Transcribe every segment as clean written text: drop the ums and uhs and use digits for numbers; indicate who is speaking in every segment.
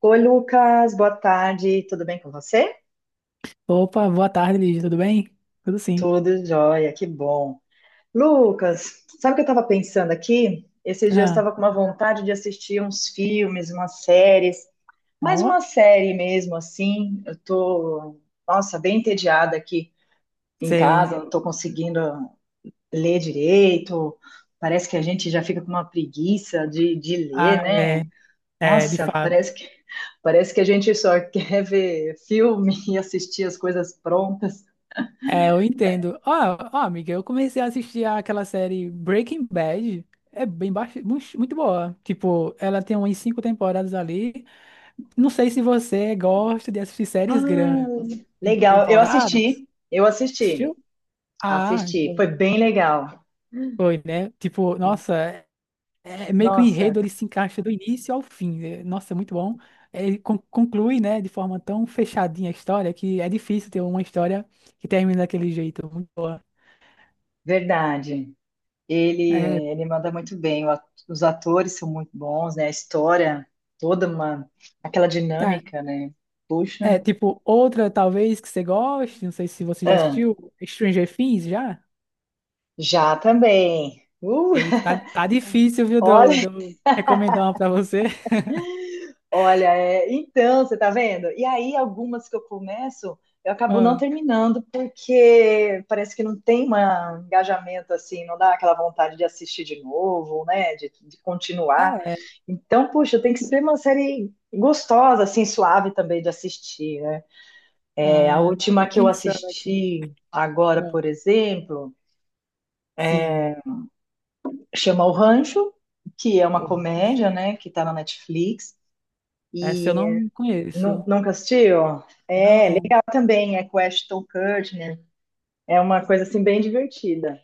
Speaker 1: Oi, Lucas, boa tarde, tudo bem com você?
Speaker 2: Opa, boa tarde, Lígia, tudo bem? Tudo sim.
Speaker 1: Tudo jóia, que bom. Lucas, sabe o que eu estava pensando aqui? Esses dias eu
Speaker 2: Ah,
Speaker 1: estava com uma vontade de assistir uns filmes, umas séries, mais
Speaker 2: ó,
Speaker 1: uma série mesmo, assim. Eu tô, nossa, bem entediada aqui em
Speaker 2: sei.
Speaker 1: casa, não estou conseguindo ler direito. Parece que a gente já fica com uma preguiça de
Speaker 2: Ah,
Speaker 1: ler, né?
Speaker 2: é, é, de
Speaker 1: Nossa, parece
Speaker 2: fato.
Speaker 1: que, parece que a gente só quer ver filme e assistir as coisas prontas.
Speaker 2: É, eu entendo. Ó, ó, amiga, eu comecei a assistir aquela série Breaking Bad. É bem baixo, muito boa. Tipo, ela tem umas cinco temporadas ali. Não sei se você gosta de assistir séries grandes
Speaker 1: Ah,
Speaker 2: em
Speaker 1: legal. Eu
Speaker 2: temporadas.
Speaker 1: assisti, eu assisti,
Speaker 2: Assistiu? Ah,
Speaker 1: assisti.
Speaker 2: então
Speaker 1: Foi bem legal.
Speaker 2: foi, né? Tipo, nossa, é meio que o
Speaker 1: Nossa,
Speaker 2: enredo ele se encaixa do início ao fim. É, nossa, é muito bom. É, Ele conclui, né, de forma tão fechadinha a história que é difícil ter uma história que termina daquele jeito. É muito boa.
Speaker 1: verdade. Ele,
Speaker 2: É,
Speaker 1: ele manda muito bem. Os atores são muito bons, né? A história, toda uma, aquela
Speaker 2: tá.
Speaker 1: dinâmica, né?
Speaker 2: É,
Speaker 1: Puxa.
Speaker 2: tipo, outra talvez que você goste, não sei se você já
Speaker 1: Ah,
Speaker 2: assistiu, Stranger Things, já?
Speaker 1: já também.
Speaker 2: Eita, tá, tá difícil, viu, de eu de eu recomendar uma pra você.
Speaker 1: Olha, é, então, você tá vendo? E aí, algumas que eu começo, eu acabo não
Speaker 2: Ah,
Speaker 1: terminando, porque parece que não tem um engajamento assim, não dá aquela vontade de assistir de novo, né? De continuar.
Speaker 2: é,
Speaker 1: Então, puxa, tem que ser uma série gostosa, assim, suave também de assistir, né? É, a
Speaker 2: ah,
Speaker 1: última
Speaker 2: tô
Speaker 1: que eu
Speaker 2: pensando aqui.
Speaker 1: assisti agora,
Speaker 2: Ah,
Speaker 1: por exemplo,
Speaker 2: sim,
Speaker 1: chama O Rancho, que é uma
Speaker 2: o
Speaker 1: comédia,
Speaker 2: Rancho.
Speaker 1: né? Que tá na Netflix.
Speaker 2: Essa eu não conheço.
Speaker 1: Nunca assistiu? É,
Speaker 2: Não.
Speaker 1: legal também. É com o Ashton Kutcher. É uma coisa assim bem divertida.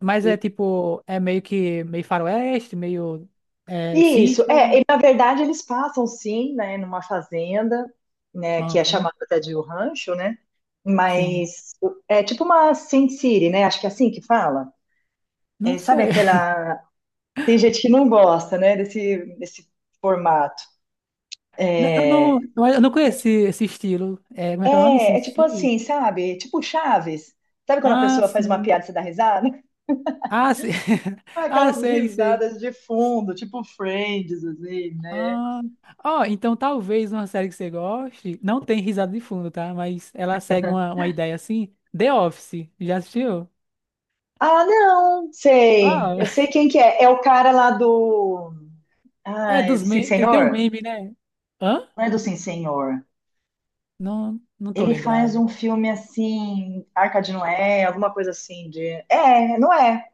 Speaker 2: Mas
Speaker 1: E
Speaker 2: é tipo, é meio faroeste, meio é,
Speaker 1: e isso,
Speaker 2: sítio.
Speaker 1: é, e, na verdade eles passam sim, né, numa fazenda, né, que é
Speaker 2: Aham,
Speaker 1: chamada até de o rancho, né?
Speaker 2: sim.
Speaker 1: Mas é tipo uma Sin City, né? Acho que é assim que fala.
Speaker 2: Não
Speaker 1: É, sabe
Speaker 2: sei.
Speaker 1: aquela. Tem gente que não gosta, né, desse formato.
Speaker 2: Eu
Speaker 1: É,
Speaker 2: não, eu não conheci esse estilo. É, como é que é o nome?
Speaker 1: é, tipo
Speaker 2: Sissi?
Speaker 1: assim, sabe? Tipo Chaves. Sabe quando a
Speaker 2: Ah,
Speaker 1: pessoa faz uma
Speaker 2: sim.
Speaker 1: piada e você dá risada?
Speaker 2: Ah, sim.
Speaker 1: Ah,
Speaker 2: Ah,
Speaker 1: Aquelas
Speaker 2: sei, sei.
Speaker 1: risadas de fundo, tipo Friends, assim, né?
Speaker 2: Ah, ó, então talvez uma série que você goste, não tem risada de fundo, tá? Mas ela segue uma ideia assim. The Office, já assistiu?
Speaker 1: Ah, não, sei.
Speaker 2: Ah,
Speaker 1: Eu sei quem que é. É o cara lá do. Ah,
Speaker 2: é
Speaker 1: é
Speaker 2: dos
Speaker 1: do Sim
Speaker 2: memes. Ele tem um
Speaker 1: Senhor?
Speaker 2: meme, né? Hã?
Speaker 1: Não é do Sim Senhor.
Speaker 2: Não, não tô
Speaker 1: Ele faz
Speaker 2: lembrado.
Speaker 1: um filme assim, Arca de Noé, alguma coisa assim de. É, não é.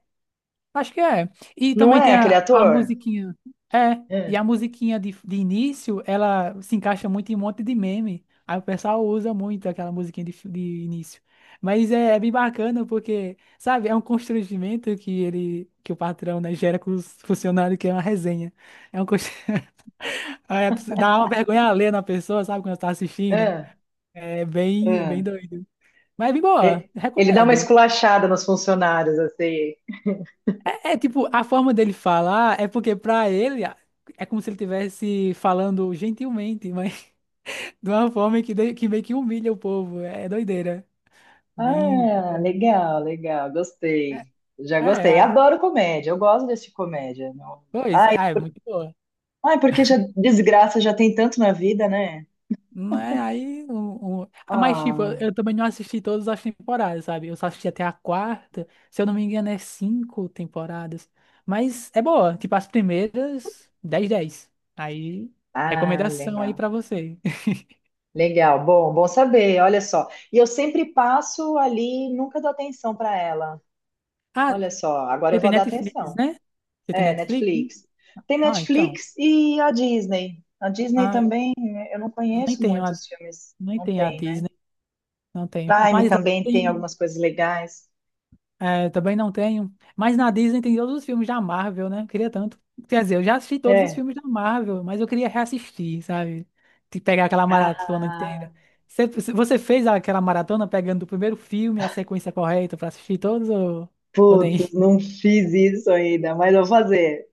Speaker 2: Acho que é. E
Speaker 1: Não
Speaker 2: também
Speaker 1: é
Speaker 2: tem
Speaker 1: aquele
Speaker 2: a
Speaker 1: ator?
Speaker 2: musiquinha. É, e a
Speaker 1: É,
Speaker 2: musiquinha de início, ela se encaixa muito em um monte de meme. Aí o pessoal usa muito aquela musiquinha de, de início. Mas é bem bacana porque, sabe, é um constrangimento que ele, que o patrão, né, gera com os funcionários, que é uma resenha. É um constrangimento. Dá uma vergonha alheia na pessoa, sabe, quando tá assistindo.
Speaker 1: é,
Speaker 2: É bem, bem
Speaker 1: é.
Speaker 2: doido. Mas é bem boa,
Speaker 1: E- Ele dá uma
Speaker 2: recomendo.
Speaker 1: esculachada nos funcionários, assim.
Speaker 2: É tipo, a forma dele falar é porque pra ele é como se ele estivesse falando gentilmente, mas de uma forma que, que meio que humilha o povo. É doideira. Bem.
Speaker 1: Ah, legal, legal, gostei. Já
Speaker 2: É,
Speaker 1: gostei.
Speaker 2: é,
Speaker 1: Adoro comédia, eu gosto desse comédia.
Speaker 2: pois, é, é muito boa.
Speaker 1: Ai, porque já desgraça já tem tanto na vida, né?
Speaker 2: Não é aí. Ah, mas, tipo,
Speaker 1: Ah,
Speaker 2: eu também não assisti todas as temporadas, sabe? Eu só assisti até a quarta. Se eu não me engano, é cinco temporadas. Mas é boa. Tipo, as primeiras, dez. Aí,
Speaker 1: Ah,
Speaker 2: recomendação aí
Speaker 1: legal.
Speaker 2: pra você.
Speaker 1: Legal, bom, bom saber, olha só. E eu sempre passo ali, nunca dou atenção para ela. Olha só, agora eu
Speaker 2: Você tem
Speaker 1: vou dar
Speaker 2: Netflix,
Speaker 1: atenção.
Speaker 2: né? Você tem
Speaker 1: É,
Speaker 2: Netflix? Né?
Speaker 1: Netflix. Tem
Speaker 2: Ah, então.
Speaker 1: Netflix e a Disney. A Disney
Speaker 2: Ah,
Speaker 1: também, né, eu não
Speaker 2: eu nem
Speaker 1: conheço
Speaker 2: tenho a,
Speaker 1: muitos filmes,
Speaker 2: nem
Speaker 1: não
Speaker 2: tenho a
Speaker 1: tem, né?
Speaker 2: Disney, não tenho.
Speaker 1: Prime
Speaker 2: Mas lá
Speaker 1: também tem
Speaker 2: tem,
Speaker 1: algumas coisas legais.
Speaker 2: é, também não tenho. Mas na Disney tem todos os filmes da Marvel, né? Eu queria tanto. Quer dizer, eu já assisti todos os
Speaker 1: É.
Speaker 2: filmes da Marvel, mas eu queria reassistir, sabe? De pegar aquela maratona
Speaker 1: Ah,
Speaker 2: inteira. Você, você fez aquela maratona pegando o primeiro filme, a sequência correta pra assistir todos ou nem?
Speaker 1: Putz, não fiz isso ainda, mas vou fazer.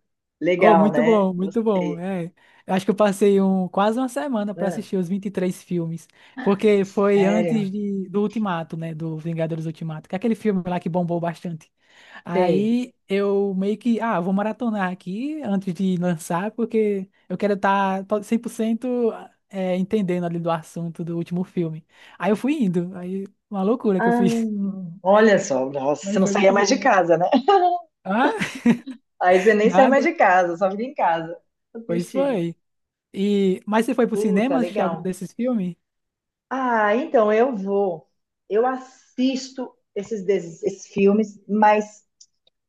Speaker 2: Oh,
Speaker 1: Legal,
Speaker 2: muito
Speaker 1: né?
Speaker 2: bom, muito bom.
Speaker 1: Gostei.
Speaker 2: É, eu acho que eu passei um, quase uma semana para
Speaker 1: Ah,
Speaker 2: assistir os 23 filmes, porque foi antes
Speaker 1: sério?
Speaker 2: do Ultimato, né, do Vingadores Ultimato, que é aquele filme lá que bombou bastante.
Speaker 1: Sei.
Speaker 2: Aí eu meio que, ah, vou maratonar aqui antes de lançar, porque eu quero estar 100% é, entendendo ali do assunto do último filme. Aí eu fui indo, aí uma loucura que eu
Speaker 1: Ah,
Speaker 2: fiz,
Speaker 1: olha só, nossa, você
Speaker 2: mas
Speaker 1: não
Speaker 2: foi
Speaker 1: saía
Speaker 2: muito
Speaker 1: mais de
Speaker 2: bom.
Speaker 1: casa, né?
Speaker 2: Ah,
Speaker 1: Aí você nem sai mais
Speaker 2: nada,
Speaker 1: de casa, só fica em casa
Speaker 2: pois
Speaker 1: assistindo.
Speaker 2: foi. E, mas você foi pro
Speaker 1: Puta,
Speaker 2: cinema assistir algum
Speaker 1: legal.
Speaker 2: desses filmes?
Speaker 1: Ah, então eu vou. Eu assisto esses filmes, mas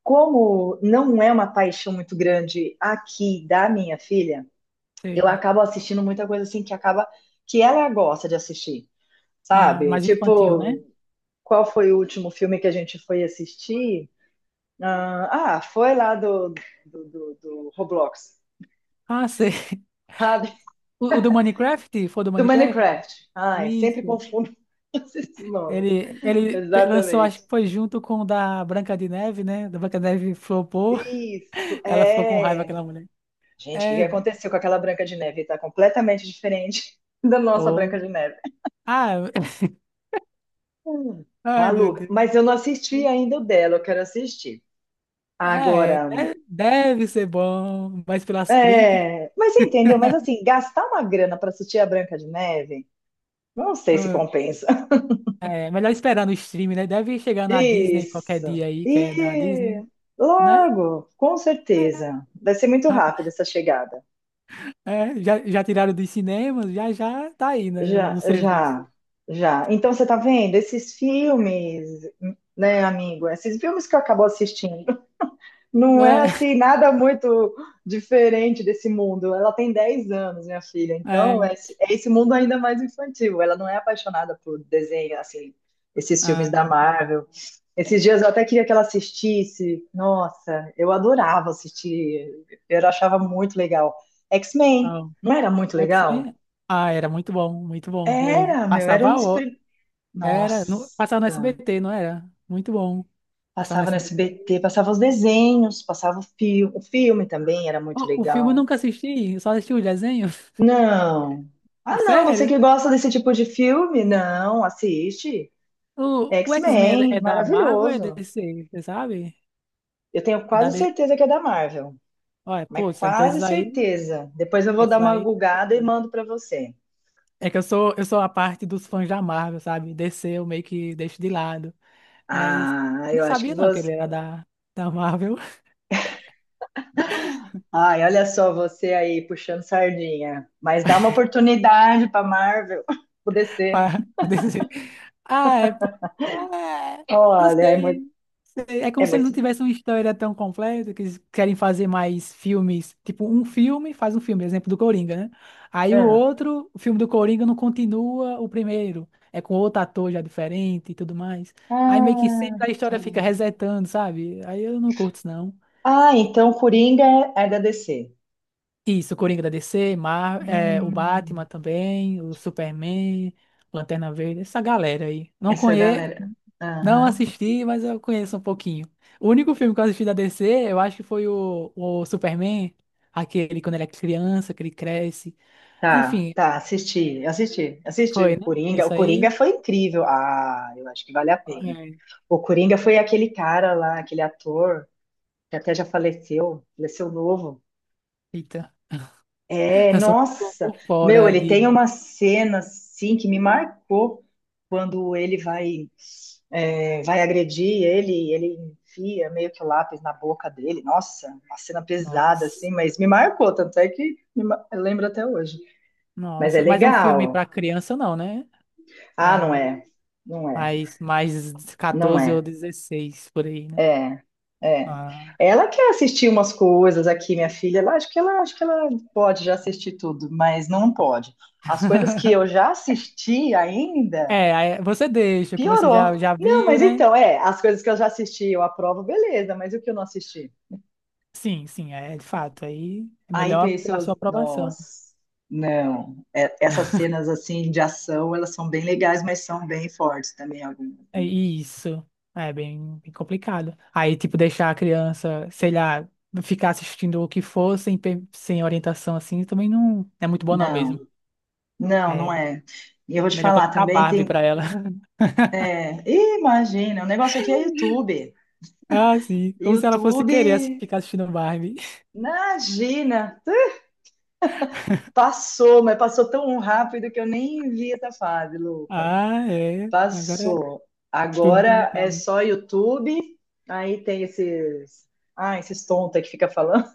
Speaker 1: como não é uma paixão muito grande aqui da minha filha, eu
Speaker 2: Sei.
Speaker 1: acabo assistindo muita coisa assim que acaba que ela gosta de assistir.
Speaker 2: Ah,
Speaker 1: Sabe?
Speaker 2: mais infantil,
Speaker 1: Tipo,
Speaker 2: né?
Speaker 1: qual foi o último filme que a gente foi assistir? Ah, ah, foi lá do Roblox,
Speaker 2: Ah, sei.
Speaker 1: sabe?
Speaker 2: O, o do Minecraft? Foi do
Speaker 1: Do
Speaker 2: Minecraft?
Speaker 1: Minecraft. Ai, sempre
Speaker 2: Isso.
Speaker 1: confundo esses nomes.
Speaker 2: Ele, ele lançou,
Speaker 1: Exatamente.
Speaker 2: acho que foi junto com o da Branca de Neve, né? Da Branca de Neve flopou.
Speaker 1: Isso,
Speaker 2: Ela ficou com raiva,
Speaker 1: é.
Speaker 2: aquela mulher.
Speaker 1: Gente, o que que
Speaker 2: É.
Speaker 1: aconteceu com aquela Branca de Neve? Tá completamente diferente da nossa
Speaker 2: Oh.
Speaker 1: Branca de Neve.
Speaker 2: Ah,
Speaker 1: Hum,
Speaker 2: ai, meu
Speaker 1: Maluca.
Speaker 2: Deus.
Speaker 1: Mas eu não assisti ainda o dela, eu quero assistir.
Speaker 2: É,
Speaker 1: Agora.
Speaker 2: deve ser bom, mas pelas críticas.
Speaker 1: É, mas você entendeu? Mas assim, gastar uma grana para assistir a Branca de Neve, não sei se
Speaker 2: Ah,
Speaker 1: compensa.
Speaker 2: é melhor esperar no stream, né? Deve chegar na Disney qualquer
Speaker 1: Isso.
Speaker 2: dia aí, que é da
Speaker 1: E
Speaker 2: Disney, né?
Speaker 1: logo, com certeza. Vai ser muito
Speaker 2: É,
Speaker 1: rápido essa chegada.
Speaker 2: é, já, já tiraram dos cinemas, já tá aí, né,
Speaker 1: Já,
Speaker 2: no serviço.
Speaker 1: já, já. Então você tá vendo esses filmes, né, amigo? Esses filmes que eu acabo assistindo. Não é assim nada muito diferente desse mundo. Ela tem 10 anos, minha filha.
Speaker 2: É,
Speaker 1: Então,
Speaker 2: é,
Speaker 1: é esse mundo ainda mais infantil. Ela não é apaixonada por desenho, assim, esses filmes
Speaker 2: ah,
Speaker 1: da Marvel. Esses dias eu até queria que ela assistisse. Nossa, eu adorava assistir. Eu achava muito legal. X-Men,
Speaker 2: ah,
Speaker 1: não era muito
Speaker 2: o
Speaker 1: legal?
Speaker 2: X-Men, ah, era muito bom, muito bom. Eu
Speaker 1: Era, meu, era um
Speaker 2: passava,
Speaker 1: dos prim-
Speaker 2: era, no, passava no
Speaker 1: Nossa,
Speaker 2: SBT, não era? Muito bom, passava no
Speaker 1: passava no
Speaker 2: SBT.
Speaker 1: SBT, passava os desenhos, passava o filme também, era muito
Speaker 2: O filme eu
Speaker 1: legal.
Speaker 2: nunca assisti, eu só assisti o desenho,
Speaker 1: Não. Ah, não, você
Speaker 2: sério.
Speaker 1: que gosta desse tipo de filme? Não, assiste.
Speaker 2: O X-Men é,
Speaker 1: X-Men,
Speaker 2: é da Marvel ou é
Speaker 1: maravilhoso.
Speaker 2: DC, você sabe?
Speaker 1: Eu tenho
Speaker 2: É da...
Speaker 1: quase
Speaker 2: D- C.
Speaker 1: certeza que é da Marvel,
Speaker 2: Olha, pô,
Speaker 1: mas
Speaker 2: então
Speaker 1: quase certeza. Depois eu vou dar
Speaker 2: esses
Speaker 1: uma
Speaker 2: aí eu não
Speaker 1: gugada e
Speaker 2: assisti.
Speaker 1: mando pra você.
Speaker 2: É que eu sou a parte dos fãs da Marvel, sabe? DC eu meio que deixo de lado. Mas
Speaker 1: Ah, eu
Speaker 2: não
Speaker 1: acho que
Speaker 2: sabia não que
Speaker 1: você.
Speaker 2: ele era da Marvel
Speaker 1: Ai, olha só você aí puxando sardinha. Mas dá uma oportunidade pra Marvel, poder ser.
Speaker 2: para dizer. Ah, é porque. Ah, é, não
Speaker 1: Olha, é muito,
Speaker 2: sei. Sei. É
Speaker 1: é
Speaker 2: como se ele não
Speaker 1: muito.
Speaker 2: tivesse uma história tão completa, que eles querem fazer mais filmes. Tipo, um filme faz um filme, exemplo do Coringa, né? Aí o
Speaker 1: Ah,
Speaker 2: outro, o filme do Coringa não continua o primeiro. É com outro ator já diferente e tudo mais. Aí meio que
Speaker 1: ah,
Speaker 2: sempre a história fica
Speaker 1: sim.
Speaker 2: resetando, sabe? Aí eu não curto isso, não.
Speaker 1: Ah, então Coringa é da DC.
Speaker 2: Isso, o Coringa da DC, Mar é, o
Speaker 1: Hum.
Speaker 2: Batman também, o Superman, Lanterna Verde, essa galera aí. Não
Speaker 1: Essa
Speaker 2: conheço,
Speaker 1: galera.
Speaker 2: não
Speaker 1: Aham.
Speaker 2: assisti, mas eu conheço um pouquinho. O único filme que eu assisti da DC, eu acho que foi o Superman, aquele quando ele é criança, que ele cresce.
Speaker 1: Tá,
Speaker 2: Enfim,
Speaker 1: tá, assisti
Speaker 2: foi,
Speaker 1: o
Speaker 2: né?
Speaker 1: Coringa. O
Speaker 2: Esse
Speaker 1: Coringa
Speaker 2: aí.
Speaker 1: foi incrível. Ah, eu acho que vale a pena.
Speaker 2: É,
Speaker 1: O Coringa foi aquele cara lá, aquele ator que até já faleceu, faleceu novo.
Speaker 2: eita,
Speaker 1: É,
Speaker 2: eu sou um pouco
Speaker 1: nossa,
Speaker 2: por
Speaker 1: meu,
Speaker 2: fora
Speaker 1: ele
Speaker 2: de.
Speaker 1: tem uma cena assim que me marcou quando ele vai agredir ele, ele enfia meio que o lápis na boca dele. Nossa, uma cena pesada assim,
Speaker 2: Nossa,
Speaker 1: mas me marcou, tanto é que eu lembro até hoje. Mas é
Speaker 2: nossa. Mas é um filme
Speaker 1: legal.
Speaker 2: pra criança, não, né?
Speaker 1: Ah,
Speaker 2: É
Speaker 1: não é. Não é.
Speaker 2: mais, mais
Speaker 1: Não
Speaker 2: 14 ou
Speaker 1: é.
Speaker 2: 16 por aí, né?
Speaker 1: É. É.
Speaker 2: Ah.
Speaker 1: Ela quer assistir umas coisas aqui, minha filha. Ela, acho que ela pode já assistir tudo, mas não pode. As coisas que eu já assisti ainda,
Speaker 2: É, aí você deixa o que você
Speaker 1: piorou.
Speaker 2: já
Speaker 1: Não,
Speaker 2: viu,
Speaker 1: mas
Speaker 2: né?
Speaker 1: então, é, as coisas que eu já assisti, eu aprovo, beleza, mas e o que eu não assisti?
Speaker 2: Sim, sim, é de fato. Aí é
Speaker 1: Aí
Speaker 2: melhor pela
Speaker 1: pensou,
Speaker 2: sua aprovação.
Speaker 1: nossa, não, essas cenas assim de ação, elas são bem legais, mas são bem fortes também algumas.
Speaker 2: É isso. É bem, bem complicado. Aí, tipo, deixar a criança, sei lá, ficar assistindo o que for sem, sem orientação assim, também não é muito bom não mesmo.
Speaker 1: Não, não, não
Speaker 2: É
Speaker 1: é. E eu vou te
Speaker 2: melhor
Speaker 1: falar
Speaker 2: colocar a
Speaker 1: também,
Speaker 2: Barbie
Speaker 1: tem.
Speaker 2: pra ela.
Speaker 1: É, ih, imagina, o negócio aqui é YouTube.
Speaker 2: Ah, sim. Como se ela fosse
Speaker 1: YouTube,
Speaker 2: querer ficar assistindo Barbie.
Speaker 1: imagina, passou, mas passou tão rápido que eu nem vi essa fase, Lucas.
Speaker 2: Ah, é. Agora é
Speaker 1: Passou.
Speaker 2: tudo
Speaker 1: Agora é
Speaker 2: então.
Speaker 1: só YouTube, aí tem esses. Ah, esses tontos aí que fica falando,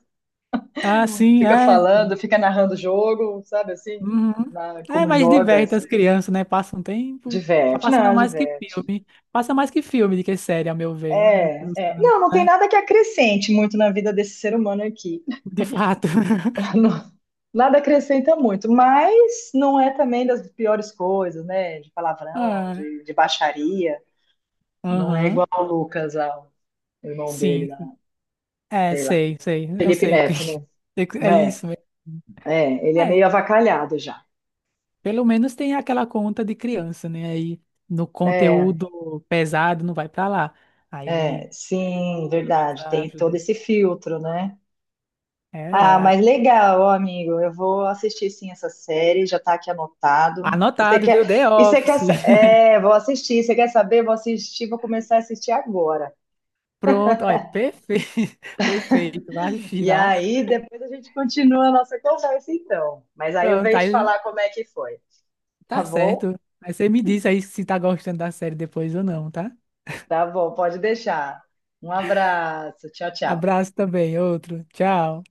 Speaker 2: Ah, sim,
Speaker 1: fica
Speaker 2: é.
Speaker 1: falando, fica narrando o jogo, sabe assim?
Speaker 2: Uhum. É,
Speaker 1: Como
Speaker 2: mas
Speaker 1: joga,
Speaker 2: diverte
Speaker 1: se
Speaker 2: as crianças, né? Passa um tempo. Tá
Speaker 1: diverte.
Speaker 2: passando
Speaker 1: Não,
Speaker 2: mais que
Speaker 1: diverte.
Speaker 2: filme. Passa mais que filme do que série, a meu ver, né,
Speaker 1: É,
Speaker 2: pelos
Speaker 1: é.
Speaker 2: canais,
Speaker 1: Não, não tem
Speaker 2: né?
Speaker 1: nada que acrescente muito na vida desse ser humano aqui.
Speaker 2: De fato.
Speaker 1: Não, nada acrescenta muito, mas não é também das piores coisas, né? De palavrão,
Speaker 2: Ah,
Speaker 1: de baixaria. Não é igual
Speaker 2: aham.
Speaker 1: ao Lucas, ao irmão dele,
Speaker 2: Sim,
Speaker 1: lá,
Speaker 2: sim. É,
Speaker 1: sei lá.
Speaker 2: sei, sei. Eu
Speaker 1: Felipe
Speaker 2: sei. Que-
Speaker 1: Neto,
Speaker 2: sei que- É
Speaker 1: né? É,
Speaker 2: isso mesmo.
Speaker 1: é, ele é
Speaker 2: É,
Speaker 1: meio avacalhado já.
Speaker 2: pelo menos tem aquela conta de criança, né? Aí no
Speaker 1: É,
Speaker 2: conteúdo pesado não vai pra lá.
Speaker 1: é,
Speaker 2: Aí,
Speaker 1: sim,
Speaker 2: pelo menos
Speaker 1: verdade. Tem todo
Speaker 2: ajuda.
Speaker 1: esse filtro, né?
Speaker 2: É,
Speaker 1: Ah,
Speaker 2: a-
Speaker 1: mas legal, ó, amigo. Eu vou assistir sim essa série, já tá aqui anotado. E você
Speaker 2: anotado,
Speaker 1: quer,
Speaker 2: viu? The Office.
Speaker 1: vou assistir. Você quer saber? Vou assistir, vou começar a assistir agora.
Speaker 2: Pronto, olha, perfeito, perfeito, vai assistir.
Speaker 1: E aí, depois a gente continua a nossa conversa, então. Mas aí eu
Speaker 2: Pronto,
Speaker 1: venho te
Speaker 2: aí
Speaker 1: falar como é que foi, tá
Speaker 2: tá
Speaker 1: bom?
Speaker 2: certo. Aí você me diz aí se tá gostando da série depois ou não, tá?
Speaker 1: Tá bom, pode deixar. Um abraço, tchau, tchau.
Speaker 2: Abraço também, outro. Tchau.